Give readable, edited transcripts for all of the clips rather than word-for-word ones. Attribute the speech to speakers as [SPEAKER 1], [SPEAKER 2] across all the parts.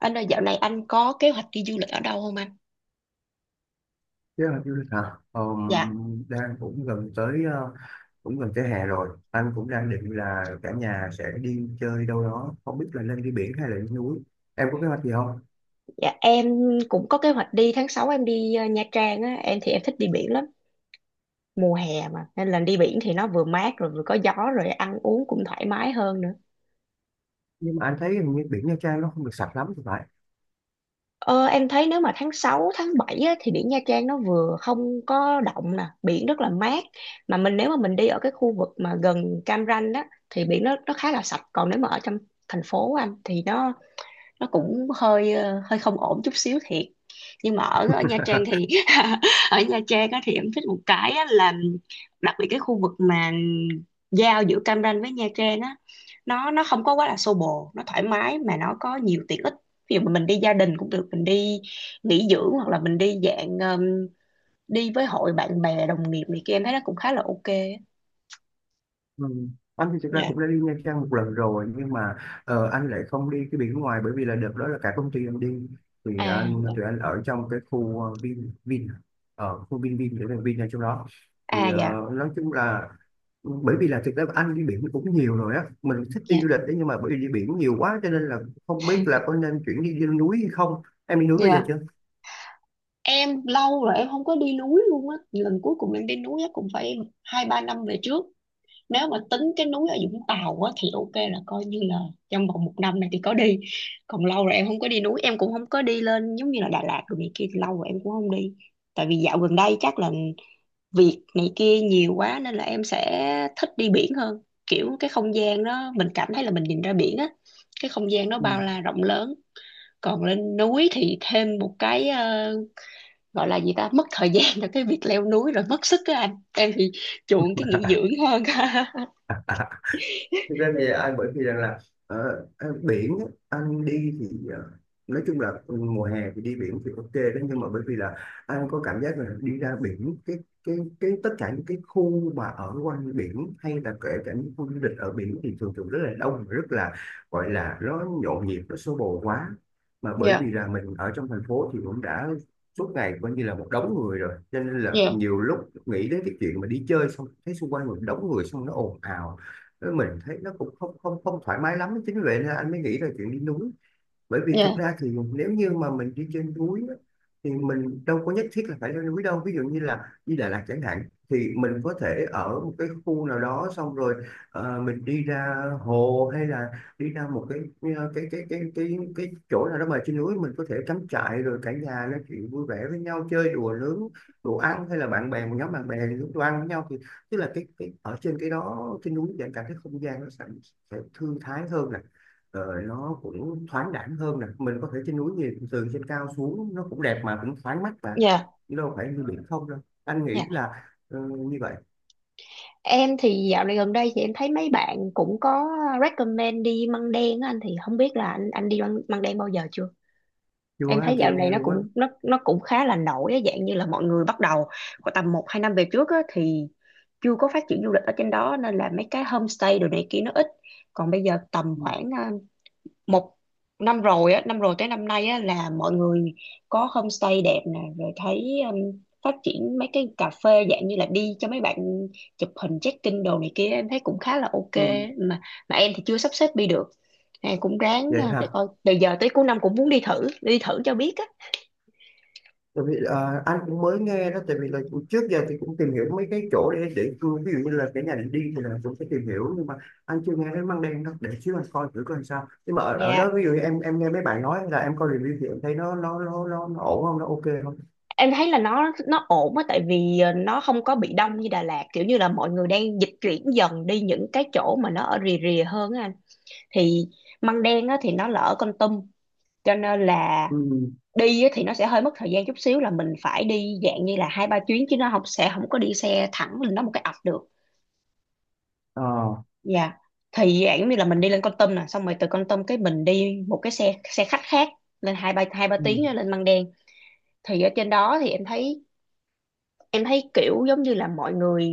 [SPEAKER 1] Anh ơi, dạo này anh có kế hoạch đi du lịch ở đâu không anh?
[SPEAKER 2] Thế là du lịch hả?
[SPEAKER 1] Dạ,
[SPEAKER 2] Đang cũng gần tới cũng gần tới hè rồi. Anh cũng đang định là cả nhà sẽ đi chơi đâu đó, không biết là nên đi biển hay là đi núi. Em có kế hoạch gì không?
[SPEAKER 1] dạ, em cũng có kế hoạch đi tháng 6. Em đi Nha Trang á. Em thì em thích đi biển lắm, mùa hè mà nên là đi biển thì nó vừa mát rồi vừa có gió rồi ăn uống cũng thoải mái hơn nữa.
[SPEAKER 2] Nhưng mà anh thấy hình như biển Nha Trang nó không được sạch lắm thì phải.
[SPEAKER 1] Ờ, em thấy nếu mà tháng 6, tháng 7 á, thì biển Nha Trang nó vừa không có động nè, biển rất là mát. Mà mình nếu mà mình đi ở cái khu vực mà gần Cam Ranh á thì biển nó khá là sạch, còn nếu mà ở trong thành phố anh thì nó cũng hơi hơi không ổn chút xíu thiệt, nhưng mà ở ở Nha Trang thì ở Nha Trang á, thì em thích một cái á, là đặc biệt cái khu vực mà giao giữa Cam Ranh với Nha Trang á, nó không có quá là xô bồ, nó thoải mái mà nó có nhiều tiện ích. Ví dụ mà mình đi gia đình cũng được, mình đi nghỉ dưỡng hoặc là mình đi dạng đi với hội bạn bè đồng nghiệp này kia, em thấy nó cũng khá là ok á.
[SPEAKER 2] Ừ. Anh thì thực ra
[SPEAKER 1] Dạ.
[SPEAKER 2] cũng đã đi Nha Trang một lần rồi, nhưng mà anh lại không đi cái biển ngoài, bởi vì là đợt đó là cả công ty anh đi, thì
[SPEAKER 1] À,
[SPEAKER 2] anh
[SPEAKER 1] dạ.
[SPEAKER 2] tụi anh ở trong cái khu Vin Vin, ở khu Vin Vin, để là Vin ở trong đó. Thì
[SPEAKER 1] À, dạ.
[SPEAKER 2] nói chung là, bởi vì là thực ra anh đi biển cũng nhiều rồi á, mình thích đi du
[SPEAKER 1] Dạ.
[SPEAKER 2] lịch đấy, nhưng mà bởi vì đi biển nhiều quá, cho nên là không biết là có nên chuyển đi, đi núi hay không. Em đi núi bây giờ
[SPEAKER 1] Dạ.
[SPEAKER 2] chưa?
[SPEAKER 1] Em lâu rồi em không có đi núi luôn á. Lần cuối cùng em đi núi á cũng phải 2-3 năm về trước. Nếu mà tính cái núi ở Vũng Tàu á thì ok, là coi như là trong vòng một năm này thì có đi, còn lâu rồi em không có đi núi. Em cũng không có đi lên giống như là Đà Lạt rồi này kia, lâu rồi em cũng không đi. Tại vì dạo gần đây chắc là việc này kia nhiều quá nên là em sẽ thích đi biển hơn. Kiểu cái không gian đó mình cảm thấy là mình nhìn ra biển á, cái không gian nó
[SPEAKER 2] Ừ.
[SPEAKER 1] bao la rộng lớn. Còn lên núi thì thêm một cái gọi là gì ta, mất thời gian cho cái việc leo núi rồi mất sức á anh. Em thì chuộng cái nghỉ dưỡng hơn.
[SPEAKER 2] Thực ra thì anh bởi vì rằng là biển á, anh đi thì nói chung là, mùa hè thì đi biển thì ok đó, nhưng mà bởi vì là anh có cảm giác là đi ra biển cái cái tất cả những cái khu mà ở quanh biển hay là kể cả những khu du lịch ở biển thì thường thường rất là đông và rất là, gọi là, nó nhộn nhịp nó xô bồ quá. Mà bởi vì
[SPEAKER 1] Dạ.
[SPEAKER 2] là mình ở trong thành phố thì cũng đã suốt ngày coi như là một đống người rồi, cho nên là
[SPEAKER 1] Dạ.
[SPEAKER 2] nhiều lúc nghĩ đến cái chuyện mà đi chơi xong thấy xung quanh một đống người, xong nó ồn ào, mình thấy nó cũng không không không thoải mái lắm. Chính vì vậy nên anh mới nghĩ là chuyện đi núi. Bởi vì thực
[SPEAKER 1] Dạ.
[SPEAKER 2] ra thì nếu như mà mình đi trên núi á, thì mình đâu có nhất thiết là phải lên núi đâu, ví dụ như là đi Đà Lạt chẳng hạn, thì mình có thể ở một cái khu nào đó, xong rồi mình đi ra hồ hay là đi ra một cái cái chỗ nào đó mà trên núi mình có thể cắm trại, rồi cả nhà nói chuyện vui vẻ với nhau, chơi đùa, nướng đồ ăn, hay là bạn bè, một nhóm bạn bè nướng đồ ăn với nhau. Thì tức là cái ở trên cái đó, trên núi thì cảm thấy không gian nó sẽ thư thái hơn nè, rồi nó cũng thoáng đãng hơn nè, mình có thể trên núi nhìn từ trên cao xuống nó cũng đẹp mà cũng thoáng mắt, và
[SPEAKER 1] Dạ.
[SPEAKER 2] chứ đâu phải như biển không đâu, anh nghĩ
[SPEAKER 1] Dạ.
[SPEAKER 2] là như vậy.
[SPEAKER 1] Em thì dạo này gần đây thì em thấy mấy bạn cũng có recommend đi Măng Đen á. Anh thì không biết là anh đi Măng Đen bao giờ chưa?
[SPEAKER 2] Chưa,
[SPEAKER 1] Em
[SPEAKER 2] anh
[SPEAKER 1] thấy dạo
[SPEAKER 2] chưa
[SPEAKER 1] này
[SPEAKER 2] nghe
[SPEAKER 1] nó
[SPEAKER 2] luôn á.
[SPEAKER 1] cũng nó nó cũng khá là nổi á, dạng như là mọi người bắt đầu khoảng tầm 1-2 năm về trước á, thì chưa có phát triển du lịch ở trên đó nên là mấy cái homestay đồ này kia nó ít. Còn bây giờ tầm
[SPEAKER 2] Ừ.
[SPEAKER 1] khoảng một năm rồi á, năm rồi tới năm nay á, là mọi người có homestay đẹp nè, rồi thấy phát triển mấy cái cà phê dạng như là đi cho mấy bạn chụp hình check-in đồ này kia, em thấy cũng khá là ok.
[SPEAKER 2] Ừ.
[SPEAKER 1] Mà mà em thì chưa sắp xếp đi được. Em cũng ráng
[SPEAKER 2] Vậy
[SPEAKER 1] để
[SPEAKER 2] hả?
[SPEAKER 1] coi từ giờ tới cuối năm cũng muốn đi thử cho biết á.
[SPEAKER 2] Tại vì anh cũng mới nghe đó, tại vì là trước giờ thì cũng tìm hiểu mấy cái chỗ để, ví dụ như là cái nhà để đi thì là cũng sẽ tìm hiểu, nhưng mà anh chưa nghe đến Măng Đen đâu, để xíu anh coi thử coi sao. Nhưng mà ở, ở
[SPEAKER 1] Dạ,
[SPEAKER 2] đó, ví dụ như em nghe mấy bạn nói là, em coi review, thì em thấy nó nó ổn không, nó ok không?
[SPEAKER 1] em thấy là nó ổn á, tại vì nó không có bị đông như Đà Lạt, kiểu như là mọi người đang dịch chuyển dần đi những cái chỗ mà nó ở rìa rìa hơn á anh. Thì Măng Đen á thì nó là ở Kon Tum, cho nên là
[SPEAKER 2] Ừ.
[SPEAKER 1] đi á thì nó sẽ hơi mất thời gian chút xíu, là mình phải đi dạng như là 2-3 chuyến, chứ nó không, sẽ không có đi xe thẳng lên đó một cái ập được.
[SPEAKER 2] Ờ.
[SPEAKER 1] Dạ, thì dạng như là mình đi lên Kon Tum nè, xong rồi từ Kon Tum cái mình đi một cái xe xe khách khác, lên hai ba
[SPEAKER 2] Ừ.
[SPEAKER 1] tiếng á, lên Măng Đen. Thì ở trên đó thì em thấy kiểu giống như là mọi người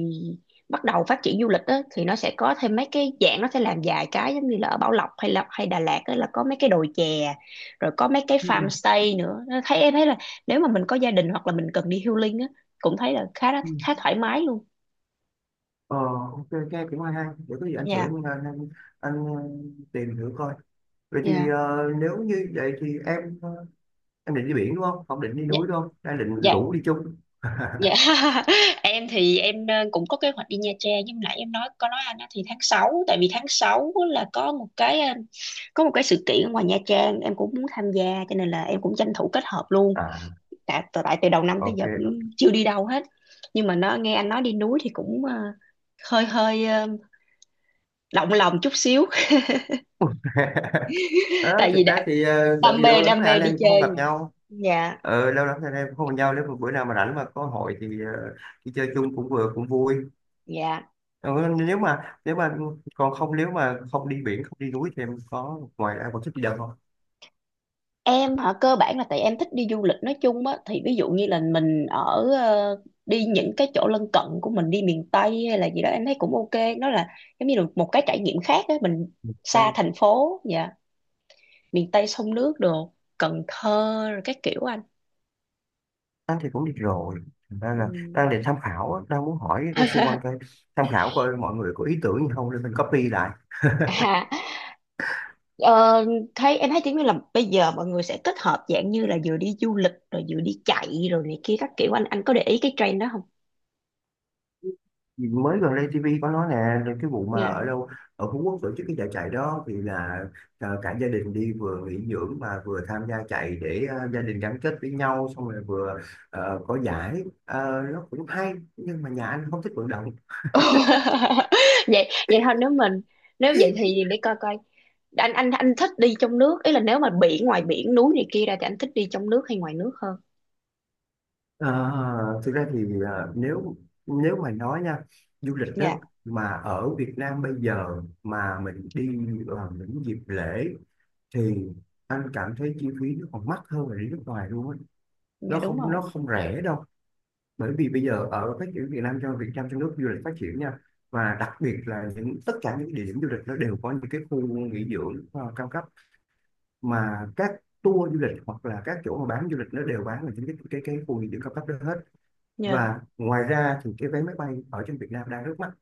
[SPEAKER 1] bắt đầu phát triển du lịch á, thì nó sẽ có thêm mấy cái dạng, nó sẽ làm vài cái giống như là ở Bảo Lộc hay Đà Lạt á, là có mấy cái đồi chè rồi có mấy cái
[SPEAKER 2] Ừ.
[SPEAKER 1] farm stay nữa. Nó thấy em thấy là nếu mà mình có gia đình hoặc là mình cần đi healing á, cũng thấy là khá
[SPEAKER 2] Ừ.
[SPEAKER 1] khá thoải mái luôn
[SPEAKER 2] Ờ, ok, nghe cũng hay hay. Để có gì anh thử,
[SPEAKER 1] nha.
[SPEAKER 2] anh tìm thử coi. Vậy thì
[SPEAKER 1] Dạ.
[SPEAKER 2] nếu như vậy thì em, em định đi biển đúng không? Không định đi núi đúng không? Đang định
[SPEAKER 1] Dạ.
[SPEAKER 2] rủ đi chung.
[SPEAKER 1] Dạ. Em thì em cũng có kế hoạch đi Nha Trang, nhưng nãy em nói có nói anh á, thì tháng sáu, tại vì tháng 6 là có một cái sự kiện ở ngoài Nha Trang em cũng muốn tham gia, cho nên là em cũng tranh thủ kết hợp luôn.
[SPEAKER 2] À,
[SPEAKER 1] Tại tại tại từ đầu năm tới
[SPEAKER 2] ok.
[SPEAKER 1] giờ cũng chưa đi đâu hết. Nhưng mà nó, nghe anh nói đi núi thì cũng hơi hơi động lòng chút xíu.
[SPEAKER 2] Ờ,
[SPEAKER 1] Tại vì
[SPEAKER 2] thực
[SPEAKER 1] đã
[SPEAKER 2] ra thì tại vì lâu lắm
[SPEAKER 1] đam
[SPEAKER 2] rồi
[SPEAKER 1] mê
[SPEAKER 2] anh
[SPEAKER 1] đi
[SPEAKER 2] em cũng không
[SPEAKER 1] chơi
[SPEAKER 2] gặp
[SPEAKER 1] mà.
[SPEAKER 2] nhau.
[SPEAKER 1] Dạ.
[SPEAKER 2] Ờ, lâu lắm rồi anh em cũng không gặp nhau. Nếu mà bữa nào mà rảnh mà có hội thì đi chơi chung cũng vừa cũng vui.
[SPEAKER 1] Dạ.
[SPEAKER 2] Ờ, nếu mà còn không, nếu mà không đi biển không đi núi thì em có, ngoài ra còn thích đi đâu không?
[SPEAKER 1] Em hả? Cơ bản là tại em thích đi du lịch nói chung á, thì ví dụ như là mình ở đi những cái chỗ lân cận của mình, đi miền Tây hay là gì đó em thấy cũng ok. Nó là giống như là một cái trải nghiệm khác á, mình xa thành phố. Dạ, miền Tây sông nước đồ, Cần Thơ rồi các kiểu anh.
[SPEAKER 2] Anh thì cũng đi rồi. Thành ra
[SPEAKER 1] Ừ.
[SPEAKER 2] là đang định tham khảo á, đang muốn hỏi cái xung quanh coi, tham khảo coi mọi người có ý tưởng gì không để mình copy lại.
[SPEAKER 1] À, ờ, thấy em thấy kiểu như là bây giờ mọi người sẽ kết hợp dạng như là vừa đi du lịch rồi vừa đi chạy rồi này kia các kiểu. Anh có để ý cái trend đó không?
[SPEAKER 2] Vì mới gần đây TV có nói nè là cái vụ mà ở đâu, ở Phú Quốc tổ chức cái giải chạy đó, thì là cả gia đình đi vừa nghỉ dưỡng mà vừa tham gia chạy để gia đình gắn kết với nhau, xong rồi vừa có giải. Ờ, nó cũng hay nhưng mà nhà anh không thích vận động.
[SPEAKER 1] Vậy vậy thôi. Nếu vậy thì để coi coi. Anh thích đi trong nước, ý là nếu mà biển, ngoài biển núi này kia ra, thì anh thích đi trong nước hay ngoài nước hơn?
[SPEAKER 2] À, thực ra thì nếu nếu mà nói nha, du lịch đó
[SPEAKER 1] Dạ.
[SPEAKER 2] mà ở Việt Nam bây giờ mà mình đi vào những dịp lễ thì anh cảm thấy chi phí nó còn mắc hơn là đi nước ngoài luôn á,
[SPEAKER 1] Dạ
[SPEAKER 2] nó
[SPEAKER 1] đúng
[SPEAKER 2] không,
[SPEAKER 1] rồi.
[SPEAKER 2] nó không rẻ đâu. Bởi vì bây giờ ở phát triển Việt Nam, cho Việt Nam trong nước du lịch phát triển nha, và đặc biệt là những, tất cả những địa điểm du lịch nó đều có những cái khu nghỉ dưỡng cao cấp, mà các tour du lịch hoặc là các chỗ mà bán du lịch nó đều bán là những cái khu nghỉ dưỡng cao cấp đó hết.
[SPEAKER 1] Dạ.
[SPEAKER 2] Và ngoài ra thì cái vé máy bay ở trên Việt Nam đang rất mắc,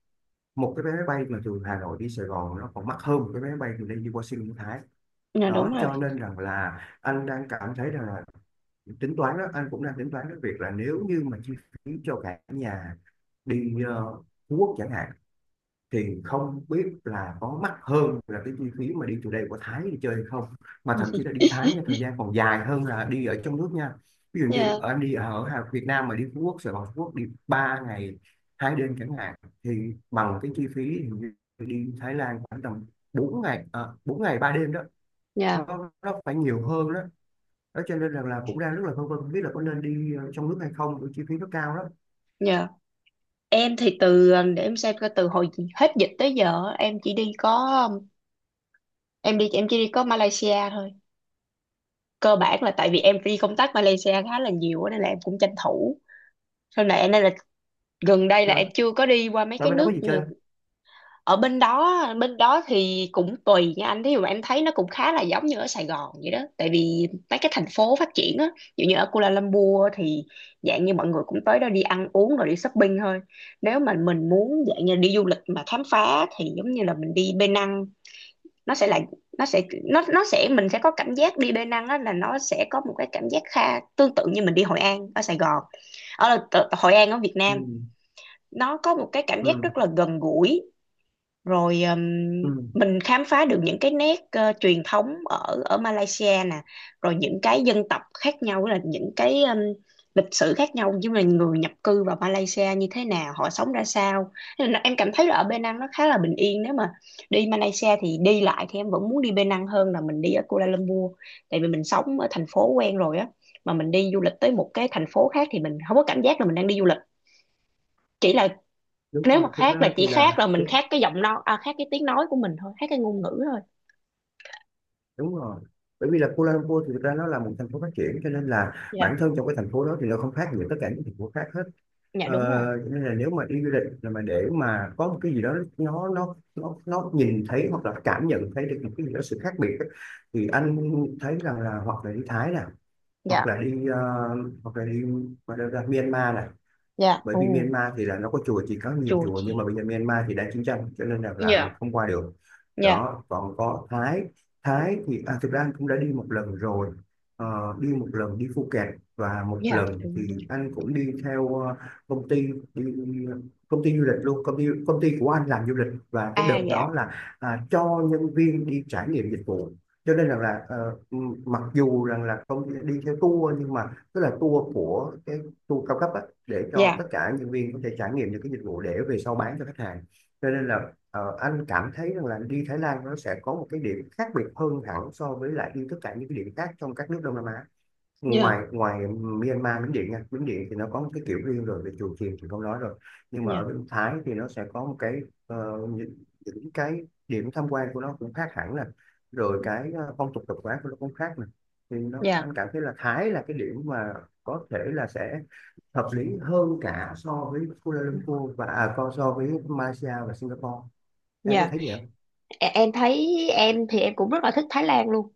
[SPEAKER 2] một cái vé máy bay mà từ Hà Nội đi Sài Gòn nó còn mắc hơn một cái vé máy bay từ đây đi Washington Thái
[SPEAKER 1] Dạ đúng
[SPEAKER 2] đó,
[SPEAKER 1] rồi.
[SPEAKER 2] cho nên rằng là anh đang cảm thấy rằng là, tính toán đó, anh cũng đang tính toán cái việc là, nếu như mà chi phí cho cả nhà đi Phú Quốc chẳng hạn, thì không biết là có mắc hơn là cái chi phí mà đi từ đây qua Thái đi chơi hay không. Mà thậm chí là đi Thái nha, thời gian còn dài hơn là đi ở trong nước nha. Ví dụ như
[SPEAKER 1] Dạ.
[SPEAKER 2] anh đi ở Việt Nam, mà đi Phú Quốc, Sài Gòn Phú Quốc, đi 3 ngày hai đêm chẳng hạn, thì bằng cái chi phí hình như đi Thái Lan khoảng tầm 4 ngày 4 ngày 3 đêm đó,
[SPEAKER 1] Nha.
[SPEAKER 2] nó phải nhiều hơn đó. Đó cho nên là cũng đang rất là phân vân không biết là có nên đi trong nước hay không, bởi chi phí nó cao lắm.
[SPEAKER 1] Dạ. Em thì từ, để em xem coi, từ hồi hết dịch tới giờ em chỉ đi có em đi em chỉ đi có Malaysia thôi. Cơ bản là tại vì em đi công tác Malaysia khá là nhiều á, nên là em cũng tranh thủ. Sau này nên là gần đây là
[SPEAKER 2] Đó.
[SPEAKER 1] em chưa có đi qua mấy
[SPEAKER 2] Nói
[SPEAKER 1] cái
[SPEAKER 2] bên đó có
[SPEAKER 1] nước
[SPEAKER 2] gì chơi không?
[SPEAKER 1] ở bên đó. Bên đó thì cũng tùy nha anh, thí dụ mà em thấy nó cũng khá là giống như ở Sài Gòn vậy đó, tại vì mấy cái thành phố phát triển á. Ví dụ như ở Kuala Lumpur thì dạng như mọi người cũng tới đó đi ăn uống rồi đi shopping thôi. Nếu mà mình muốn dạng như đi du lịch mà khám phá thì giống như là mình đi Penang Năng, nó sẽ là nó sẽ mình sẽ có cảm giác đi Penang Năng á, là nó sẽ có một cái cảm giác kha tương tự như mình đi Hội An ở Sài Gòn, Hội An ở Việt
[SPEAKER 2] Ừ.
[SPEAKER 1] Nam. Nó có một cái cảm giác
[SPEAKER 2] Ừ.
[SPEAKER 1] rất là gần gũi. Rồi
[SPEAKER 2] Ừ.
[SPEAKER 1] mình khám phá được những cái nét truyền thống ở ở Malaysia nè, rồi những cái dân tộc khác nhau, là những cái lịch sử khác nhau, như là người nhập cư vào Malaysia như thế nào, họ sống ra sao. Nên là em cảm thấy là ở Penang nó khá là bình yên. Nếu mà đi Malaysia thì đi lại thì em vẫn muốn đi Penang hơn là mình đi ở Kuala Lumpur, tại vì mình sống ở thành phố quen rồi á, mà mình đi du lịch tới một cái thành phố khác thì mình không có cảm giác là mình đang đi du lịch. Chỉ là
[SPEAKER 2] Đúng
[SPEAKER 1] nếu mà
[SPEAKER 2] rồi, thực
[SPEAKER 1] khác là
[SPEAKER 2] ra
[SPEAKER 1] chỉ
[SPEAKER 2] thì là,
[SPEAKER 1] khác là mình
[SPEAKER 2] thực-
[SPEAKER 1] khác cái giọng nói, à, khác cái tiếng nói của mình thôi, khác cái ngôn ngữ thôi.
[SPEAKER 2] đúng rồi. Bởi vì là Kuala Lumpur thì thực ra nó là một thành phố phát triển, cho nên là bản
[SPEAKER 1] Dạ.
[SPEAKER 2] thân trong cái thành phố đó thì nó không khác gì tất cả những thành phố khác hết.
[SPEAKER 1] Dạ
[SPEAKER 2] ờ,
[SPEAKER 1] đúng rồi.
[SPEAKER 2] cho nên là nếu mà đi du lịch là mà để mà có một cái gì đó nó nó nhìn thấy hoặc là cảm nhận thấy được một cái gì đó sự khác biệt ấy, thì anh thấy rằng là hoặc là đi Thái nè, hoặc là
[SPEAKER 1] Dạ.
[SPEAKER 2] đi hoặc là đi, mà đâu, Myanmar nè,
[SPEAKER 1] Dạ.
[SPEAKER 2] bởi
[SPEAKER 1] Ồ,
[SPEAKER 2] vì Myanmar thì là nó có chùa chỉ, có nhiều
[SPEAKER 1] chùa
[SPEAKER 2] chùa, nhưng mà
[SPEAKER 1] chị.
[SPEAKER 2] bây giờ Myanmar thì đang chiến tranh cho nên là mình
[SPEAKER 1] Dạ.
[SPEAKER 2] không qua được.
[SPEAKER 1] Dạ.
[SPEAKER 2] Đó, còn có Thái. Thái thì thực ra anh cũng đã đi một lần rồi. Ờ, đi một lần đi Phuket, và một
[SPEAKER 1] Dạ.
[SPEAKER 2] lần thì anh cũng đi theo công ty đi, công ty du lịch luôn, công ty của anh làm du lịch, và cái
[SPEAKER 1] À,
[SPEAKER 2] đợt
[SPEAKER 1] dạ.
[SPEAKER 2] đó là cho nhân viên đi trải nghiệm dịch vụ. Cho nên rằng là, mặc dù rằng là công ty đi theo tour nhưng mà, tức là tour của cái, tour cao cấp á, để cho
[SPEAKER 1] Dạ.
[SPEAKER 2] tất cả nhân viên có thể trải nghiệm được cái dịch vụ để về sau bán cho khách hàng. Cho nên là anh cảm thấy rằng là đi Thái Lan nó sẽ có một cái điểm khác biệt hơn hẳn so với lại đi tất cả những cái điểm khác trong các nước Đông Nam Á.
[SPEAKER 1] Dạ.
[SPEAKER 2] ngoài ngoài Myanmar, Miến Điện nha, Miến Điện thì nó có một cái kiểu riêng rồi, về chùa chiền thì không nói rồi, nhưng mà ở
[SPEAKER 1] Dạ.
[SPEAKER 2] bên Thái thì nó sẽ có một cái ờ, những, những cái điểm tham quan của nó cũng khác hẳn nè, rồi cái phong tục tập quán của nó cũng khác nè, thì nó
[SPEAKER 1] Dạ.
[SPEAKER 2] anh cảm thấy là Thái là cái điểm mà có thể là sẽ hợp lý hơn cả, so với Kuala Lumpur và so với Malaysia và Singapore. Em có
[SPEAKER 1] Dạ.
[SPEAKER 2] thấy vậy không?
[SPEAKER 1] Em thấy em thì em cũng rất là thích Thái Lan luôn.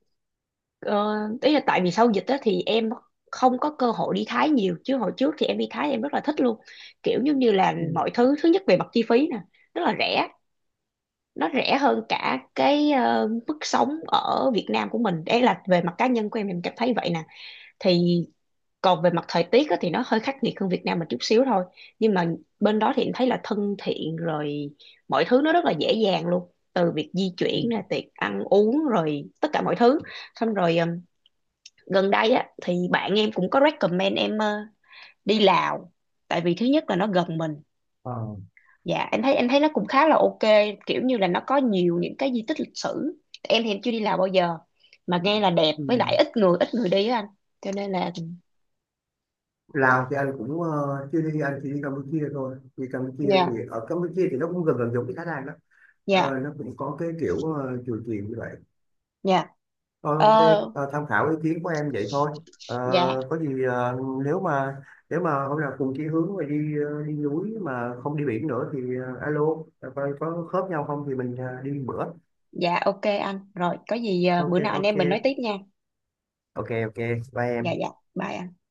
[SPEAKER 1] Ờ, ý là tại vì sau dịch đó thì em không có cơ hội đi Thái nhiều, chứ hồi trước thì em đi Thái em rất là thích luôn. Kiểu giống như là
[SPEAKER 2] Ừ.
[SPEAKER 1] mọi thứ, thứ nhất về mặt chi phí nè, rất là rẻ, nó rẻ hơn cả cái mức sống ở Việt Nam của mình. Đấy là về mặt cá nhân của em cảm thấy vậy nè. Thì còn về mặt thời tiết á, thì nó hơi khắc nghiệt hơn Việt Nam một chút xíu thôi, nhưng mà bên đó thì em thấy là thân thiện rồi, mọi thứ nó rất là dễ dàng luôn, từ việc di
[SPEAKER 2] Ừ.
[SPEAKER 1] chuyển nè, tiệc ăn uống rồi tất cả mọi thứ. Xong rồi gần đây á thì bạn em cũng có recommend em đi Lào, tại vì thứ nhất là nó gần mình.
[SPEAKER 2] Ờ.
[SPEAKER 1] Dạ, em thấy, em thấy nó cũng khá là ok. Kiểu như là nó có nhiều những cái di tích lịch sử. Em thì em chưa đi Lào bao giờ, mà nghe là đẹp
[SPEAKER 2] Ừ.
[SPEAKER 1] với lại ít người, ít người đi á anh, cho nên là.
[SPEAKER 2] Lào thì anh cũng chưa đi, anh chỉ đi Campuchia thôi, thì Campuchia thì
[SPEAKER 1] Dạ.
[SPEAKER 2] ở Campuchia thì nó cũng gần gần giống cái Thái Lan đó. Ờ,
[SPEAKER 1] Dạ.
[SPEAKER 2] nó cũng có cái kiểu chùa chiền như vậy.
[SPEAKER 1] Dạ.
[SPEAKER 2] Ờ,
[SPEAKER 1] Ờ.
[SPEAKER 2] ok. Tham khảo ý kiến của em vậy thôi. Ờ,
[SPEAKER 1] Dạ.
[SPEAKER 2] có gì nếu mà, nếu mà hôm nào cùng chí hướng mà đi đi núi mà không đi biển nữa thì alo coi có khớp nhau không, thì mình đi bữa.
[SPEAKER 1] Dạ, ok anh. Rồi có gì
[SPEAKER 2] Ok
[SPEAKER 1] bữa nào anh
[SPEAKER 2] ok.
[SPEAKER 1] em mình nói tiếp nha.
[SPEAKER 2] Ok ok. Bye
[SPEAKER 1] Dạ.
[SPEAKER 2] em.
[SPEAKER 1] Dạ, bye anh.